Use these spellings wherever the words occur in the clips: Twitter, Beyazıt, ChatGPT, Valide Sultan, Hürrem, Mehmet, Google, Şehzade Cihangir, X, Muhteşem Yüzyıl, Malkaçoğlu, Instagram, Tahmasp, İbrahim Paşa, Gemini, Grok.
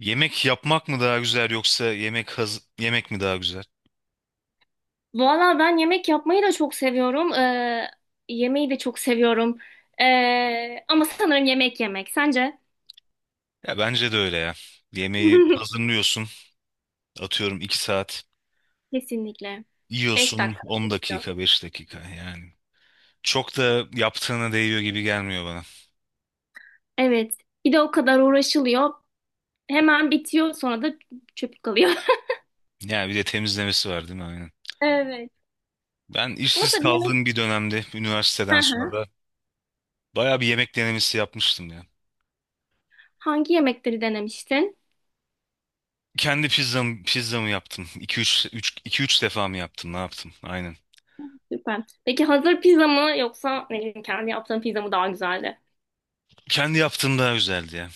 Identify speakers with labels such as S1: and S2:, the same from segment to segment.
S1: Yemek yapmak mı daha güzel yoksa yemek yemek mi daha güzel?
S2: Valla ben yemek yapmayı da çok seviyorum. Yemeği de çok seviyorum. Ama sanırım yemek yemek. Sence?
S1: Ya bence de öyle ya. Yemeği hazırlıyorsun, atıyorum 2 saat,
S2: Kesinlikle. Beş
S1: yiyorsun
S2: dakika.
S1: 10 dakika, 5 dakika yani. Çok da yaptığına değiyor gibi gelmiyor bana.
S2: Evet. Bir de o kadar uğraşılıyor. Hemen bitiyor sonra da çöp kalıyor.
S1: Ya bir de temizlemesi var değil mi? Aynen.
S2: Evet.
S1: Ben
S2: Ama
S1: işsiz
S2: tabii yemek...
S1: kaldığım bir dönemde
S2: Hı
S1: üniversiteden
S2: hı.
S1: sonra bayağı bir yemek denemesi yapmıştım ya.
S2: Hangi yemekleri denemiştin?
S1: Kendi pizzamı yaptım. 2 üç üç iki üç defa mı yaptım? Ne yaptım? Aynen.
S2: Süper. Peki hazır pizza mı yoksa ne bileyim kendi yaptığın pizza mı daha güzeldi?
S1: Kendi yaptığım daha güzeldi ya.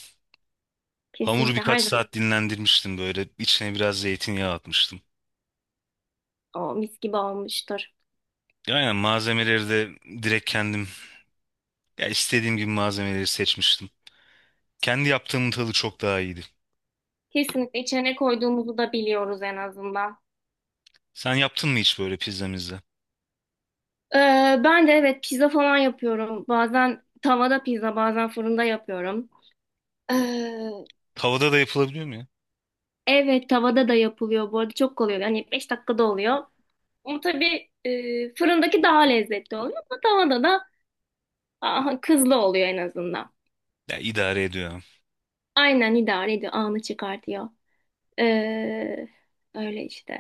S1: Hamuru
S2: Kesinlikle
S1: birkaç
S2: her zaman
S1: saat dinlendirmiştim böyle. İçine biraz zeytinyağı atmıştım.
S2: o mis gibi olmuştur.
S1: Aynen malzemeleri de direkt kendim ya istediğim gibi malzemeleri seçmiştim. Kendi yaptığımın tadı çok daha iyiydi.
S2: Kesinlikle içine koyduğumuzu da biliyoruz en azından.
S1: Sen yaptın mı hiç böyle pizzamızda?
S2: Ee, Ben de evet pizza falan yapıyorum. Bazen tavada pizza, bazen fırında yapıyorum. Ee,
S1: Tavada da yapılabiliyor mu ya?
S2: evet, tavada da yapılıyor bu arada, çok kolay oluyor. Yani 5 dakikada oluyor. Ama tabii fırındaki daha lezzetli oluyor ama tavada da aha, kızlı oluyor en azından.
S1: Ya idare ediyor.
S2: Aynen idare ediyor, anı çıkartıyor. Ee, öyle işte.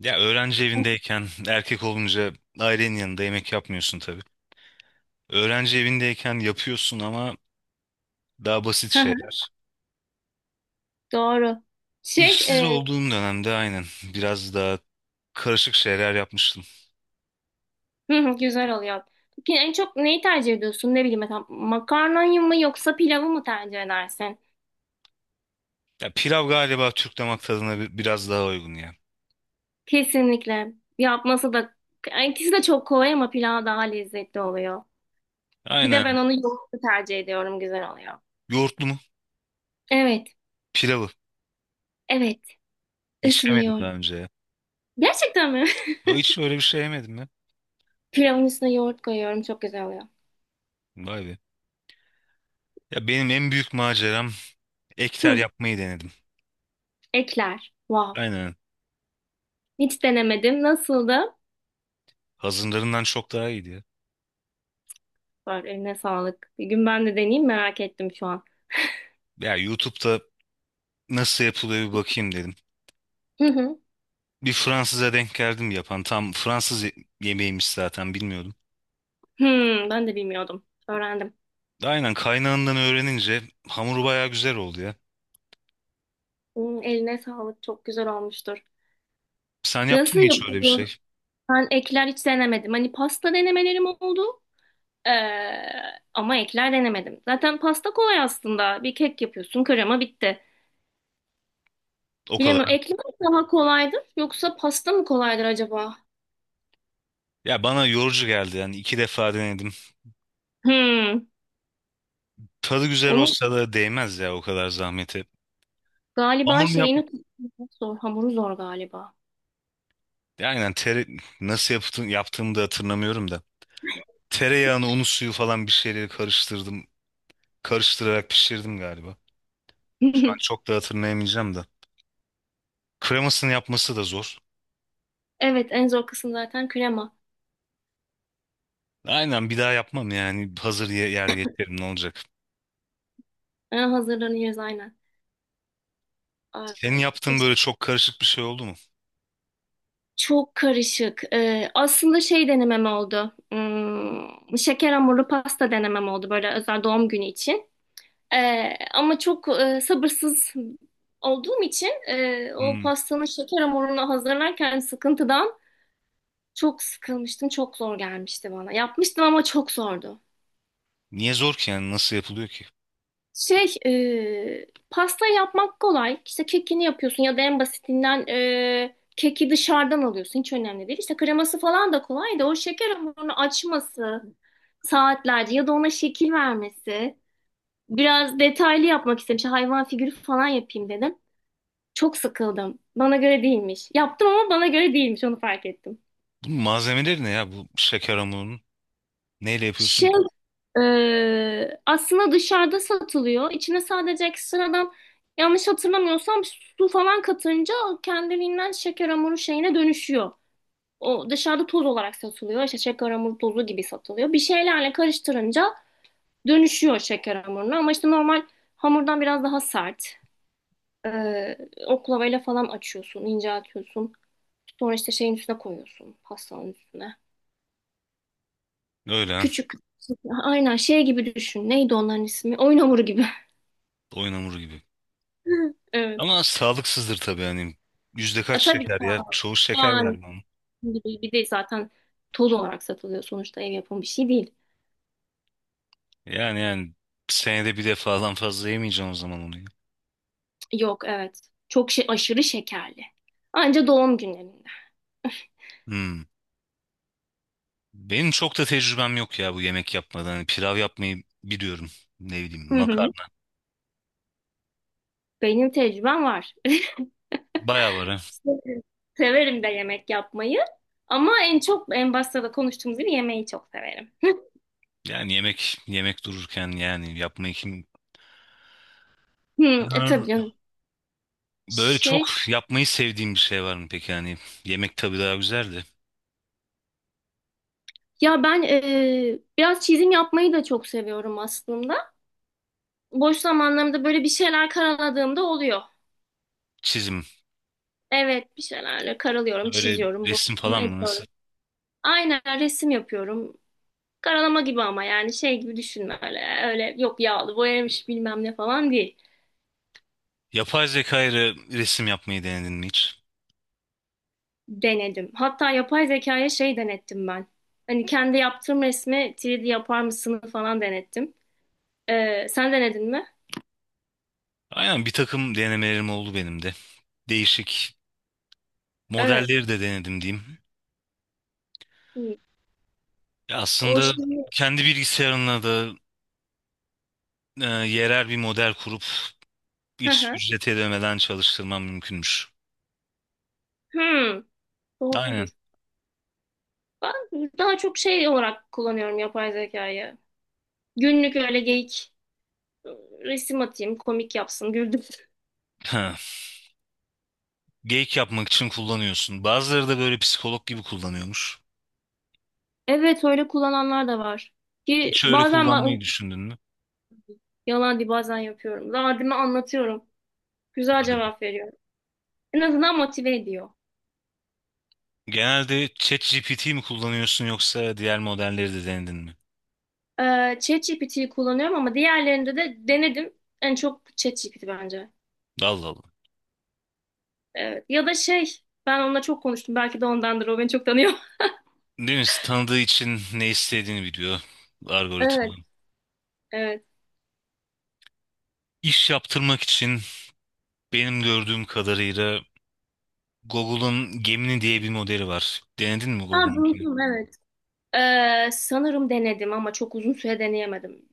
S1: Ya öğrenci evindeyken erkek olunca ailenin yanında yemek yapmıyorsun tabii. Öğrenci evindeyken yapıyorsun ama daha basit
S2: Hı hı,
S1: şeyler.
S2: doğru. Şey,
S1: İşsiz
S2: e,
S1: olduğum dönemde aynen biraz daha karışık şeyler yapmıştım.
S2: hı hı, güzel oluyor. Peki en çok neyi tercih ediyorsun? Ne bileyim, mesela makarnayı mı yoksa pilavı mı tercih edersin?
S1: Ya pilav galiba Türk damak tadına biraz daha uygun ya.
S2: Kesinlikle. Yapması da, yani ikisi de çok kolay ama pilav daha lezzetli oluyor. Bir de ben
S1: Aynen.
S2: onu yoğurtlu tercih ediyorum. Güzel oluyor.
S1: Yoğurtlu mu?
S2: Evet.
S1: Pilavı.
S2: Evet.
S1: Hiç
S2: Üstüne
S1: yemedim
S2: yoğurt.
S1: daha önce ya.
S2: Gerçekten mi?
S1: Yo, hiç öyle bir şey yemedim ya.
S2: Pilavın üstüne yoğurt koyuyorum. Çok güzel oluyor.
S1: Vay be. Ya benim en büyük maceram ekter
S2: Hı,
S1: yapmayı denedim.
S2: ekler. Wow.
S1: Aynen.
S2: Hiç denemedim. Nasıldı?
S1: Hazırlarından çok daha iyiydi ya.
S2: Var, eline sağlık. Bir gün ben de deneyeyim, merak ettim şu an.
S1: Ya YouTube'da nasıl yapılıyor bir bakayım dedim.
S2: Hı hı.
S1: Bir Fransız'a denk geldim yapan. Tam Fransız yemeğiymiş zaten bilmiyordum.
S2: Hmm, ben de bilmiyordum. Öğrendim.
S1: Aynen kaynağından öğrenince hamuru bayağı güzel oldu ya.
S2: Hmm, eline sağlık. Çok güzel olmuştur.
S1: Sen yaptın
S2: Nasıl
S1: mı hiç öyle bir
S2: yapılıyor?
S1: şey?
S2: Ben ekler hiç denemedim. Hani pasta denemelerim oldu. Ee, ama ekler denemedim. Zaten pasta kolay aslında. Bir kek yapıyorsun, krema bitti.
S1: O kadar.
S2: Bilemiyorum. Ekler daha kolaydır yoksa pasta mı kolaydır acaba?
S1: Ya bana yorucu geldi yani iki defa denedim.
S2: Hmm.
S1: Tadı güzel
S2: Onun
S1: olsa da değmez ya o kadar zahmete.
S2: galiba
S1: Hamur mu yap?
S2: şeyini tutmak zor. Hamuru zor galiba.
S1: Aynen nasıl yaptığımı da hatırlamıyorum da. Tereyağını, unu, suyu falan bir şeyleri karıştırdım. Karıştırarak pişirdim galiba. Şu an çok da hatırlayamayacağım da. Kremasını yapması da zor.
S2: Evet, en zor kısım zaten krema.
S1: Aynen bir daha yapmam yani. Hazır yer geçerim ne olacak.
S2: Ha, hazırlanıyoruz aynen.
S1: Senin
S2: Ay.
S1: yaptığın böyle çok karışık bir şey oldu mu?
S2: Çok karışık. Aslında şey denemem oldu. Hmm, şeker hamurlu pasta denemem oldu, böyle özel doğum günü için. Ama çok sabırsız olduğum için o
S1: Hmm.
S2: pastanın şeker hamurunu hazırlarken sıkıntıdan çok sıkılmıştım. Çok zor gelmişti bana. Yapmıştım ama çok zordu.
S1: Niye zor ki yani nasıl yapılıyor ki?
S2: Pasta yapmak kolay. İşte kekini yapıyorsun ya da en basitinden keki dışarıdan alıyorsun. Hiç önemli değil. İşte kreması falan da kolay da, o şeker hamurunu açması saatlerce ya da ona şekil vermesi. Biraz detaylı yapmak istedim. İşte hayvan figürü falan yapayım dedim. Çok sıkıldım. Bana göre değilmiş. Yaptım ama bana göre değilmiş. Onu fark ettim.
S1: Bunun malzemeleri ne ya bu şeker hamurunun? Neyle yapıyorsun
S2: Şey
S1: ki?
S2: Aslında dışarıda satılıyor. İçine sadece ekstradan, yanlış hatırlamıyorsam, su falan katınca kendiliğinden şeker hamuru şeyine dönüşüyor. O dışarıda toz olarak satılıyor. İşte şeker hamuru tozu gibi satılıyor. Bir şeylerle karıştırınca dönüşüyor şeker hamuruna. Ama işte normal hamurdan biraz daha sert. Ee, oklavayla falan açıyorsun, inceltiyorsun. Sonra işte şeyin üstüne koyuyorsun, pastanın üstüne.
S1: Öyle ha.
S2: Küçük. Aynen şey gibi düşün. Neydi onların ismi? Oyun hamuru gibi.
S1: Oyun hamuru gibi.
S2: Evet.
S1: Ama sağlıksızdır tabii hani. Yüzde kaç
S2: E, tabii ki
S1: şeker ya? Çoğu şeker
S2: yani,
S1: galiba onun.
S2: gibi bir de zaten toz olarak satılıyor, sonuçta ev yapımı bir şey değil.
S1: Yani senede bir defadan fazla yemeyeceğim o zaman onu, ya.
S2: Yok, evet. Çok şey, aşırı şekerli. Anca doğum günlerinde.
S1: Hmm. Benim çok da tecrübem yok ya bu yemek yapmadan. Hani pilav yapmayı biliyorum. Ne bileyim
S2: Hı hı.
S1: makarna.
S2: Benim tecrübem var.
S1: Bayağı var ha.
S2: Severim de yemek yapmayı. Ama en çok, en başta da konuştuğumuz gibi, yemeği çok severim.
S1: Yani yemek yemek dururken yani yapmayı kim...
S2: Hı, tabii
S1: Ha,
S2: canım.
S1: böyle çok
S2: Şey
S1: yapmayı sevdiğim bir şey var mı peki? Yani yemek tabii daha güzel de.
S2: ya ben biraz çizim yapmayı da çok seviyorum aslında. Boş zamanlarımda böyle bir şeyler karaladığımda oluyor.
S1: Çizim.
S2: Evet, bir şeylerle karalıyorum,
S1: Böyle
S2: çiziyorum,
S1: resim
S2: boyuyorum,
S1: falan mı nasıl?
S2: ediyorum. Aynen resim yapıyorum. Karalama gibi ama yani şey gibi düşünme öyle. Öyle yok, yağlı boyamış bilmem ne falan değil.
S1: Yapay zeka ile resim yapmayı denedin mi hiç?
S2: Denedim. Hatta yapay zekaya şey denettim ben. Hani kendi yaptığım resmi 3D yapar mısın falan denettim. Sen denedin mi?
S1: Aynen bir takım denemelerim oldu benim de. Değişik
S2: Evet.
S1: modelleri de denedim diyeyim.
S2: Hı.
S1: Ya
S2: O
S1: aslında
S2: şimdi...
S1: kendi bilgisayarına da e, yerel bir model kurup
S2: Hı
S1: hiç
S2: hı.
S1: ücret ödemeden çalıştırmam mümkünmüş.
S2: Hmm,
S1: Aynen.
S2: doğrudur. Ben daha çok şey olarak kullanıyorum yapay zekayı. Günlük öyle geyik, e, resim atayım komik yapsın güldüm.
S1: Ha. Geyik yapmak için kullanıyorsun. Bazıları da böyle psikolog gibi kullanıyormuş.
S2: Evet, öyle kullananlar da var. Ki
S1: Hiç öyle
S2: bazen ba-
S1: kullanmayı düşündün mü?
S2: Yalan değil, bazen yapıyorum. Derdimi anlatıyorum. Güzel
S1: Hadi be.
S2: cevap veriyor. En azından motive ediyor.
S1: Genelde ChatGPT mi kullanıyorsun yoksa diğer modelleri de denedin mi?
S2: ChatGPT'yi kullanıyorum ama diğerlerinde de denedim. En çok ChatGPT bence.
S1: Allah Allah.
S2: Evet. Ya da şey, ben onunla çok konuştum. Belki de ondandır. O beni çok tanıyor.
S1: Değil mi? Tanıdığı için ne istediğini biliyor algoritma.
S2: Evet. Evet.
S1: İş yaptırmak için benim gördüğüm kadarıyla Google'ın Gemini diye bir modeli var. Denedin mi
S2: Ha,
S1: Google'un Gemini?
S2: duydum, evet. Sanırım denedim ama çok uzun süre deneyemedim.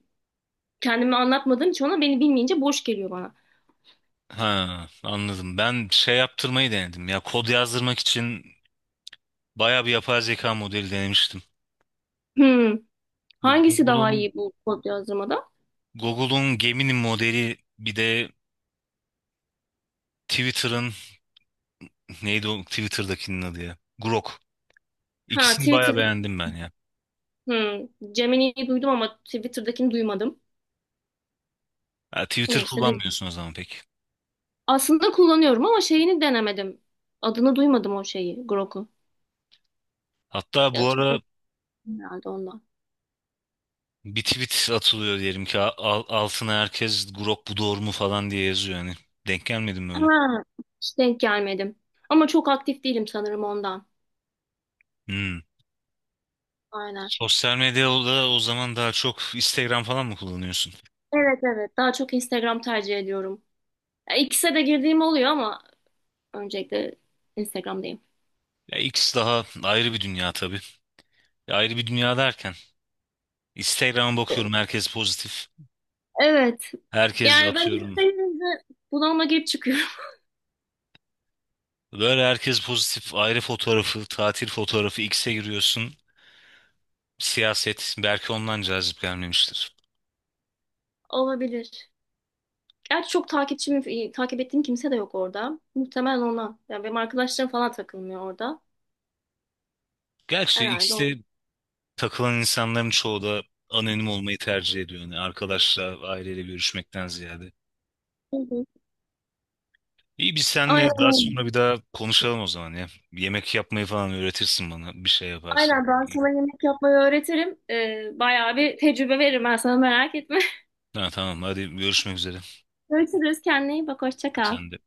S2: Kendimi anlatmadığım için, ona beni bilmeyince boş geliyor bana.
S1: Ha, anladım. Ben şey yaptırmayı denedim. Ya kod yazdırmak için bayağı bir yapay zeka modeli denemiştim.
S2: Hmm.
S1: Bu
S2: Hangisi daha
S1: Google'un
S2: iyi bu kod yazdırmada?
S1: Google'un Gemini modeli, bir de Twitter'ın neydi o Twitter'dakinin adı ya? Grok.
S2: Ha,
S1: İkisini
S2: Twitter.
S1: bayağı beğendim ben ya.
S2: Hmm, Gemini'yi duydum ama Twitter'dakini duymadım.
S1: Ha, Twitter
S2: Neyse, dedim.
S1: kullanmıyorsun o zaman pek.
S2: Aslında kullanıyorum ama şeyini denemedim. Adını duymadım o şeyi, Grok'u.
S1: Hatta bu
S2: Ya,
S1: ara
S2: çok herhalde ondan.
S1: bir tweet atılıyor diyelim ki, altına herkes Grok bu doğru mu falan diye yazıyor yani. Denk gelmedim
S2: Ha,
S1: böyle.
S2: hiç denk gelmedim. Ama çok aktif değilim, sanırım ondan.
S1: Hmm.
S2: Aynen.
S1: Sosyal medyada o zaman daha çok Instagram falan mı kullanıyorsun?
S2: Evet, evet. Daha çok Instagram tercih ediyorum. Ya, ikisine de girdiğim oluyor ama öncelikle Instagram'dayım.
S1: Ya X daha ayrı bir dünya tabii. Ya ayrı bir dünya derken Instagram'a bakıyorum herkes pozitif.
S2: Evet.
S1: Herkes
S2: Yani ben
S1: atıyorum.
S2: isteyince bunalıma girip çıkıyorum.
S1: Böyle herkes pozitif ayrı fotoğrafı, tatil fotoğrafı X'e giriyorsun. Siyaset belki ondan cazip gelmemiştir.
S2: Olabilir. Gerçi çok takipçim, takip ettiğim kimse de yok orada. Muhtemelen ona. Yani benim arkadaşlarım falan takılmıyor orada.
S1: Gerçi
S2: Herhalde.
S1: X'te takılan insanların çoğu da anonim olmayı tercih ediyor. Yani arkadaşla, aileyle görüşmekten ziyade.
S2: Hı hı.
S1: İyi biz
S2: Aynen
S1: seninle daha
S2: öyle.
S1: sonra bir daha konuşalım o zaman ya. Yemek yapmayı falan öğretirsin bana. Bir şey yaparsın.
S2: Aynen, ben sana yemek yapmayı öğretirim. Bayağı bir tecrübe veririm ben sana, merak etme.
S1: Ha, tamam, hadi görüşmek üzere.
S2: Görüşürüz, kendine iyi bak, hoşça kal.
S1: Sen de.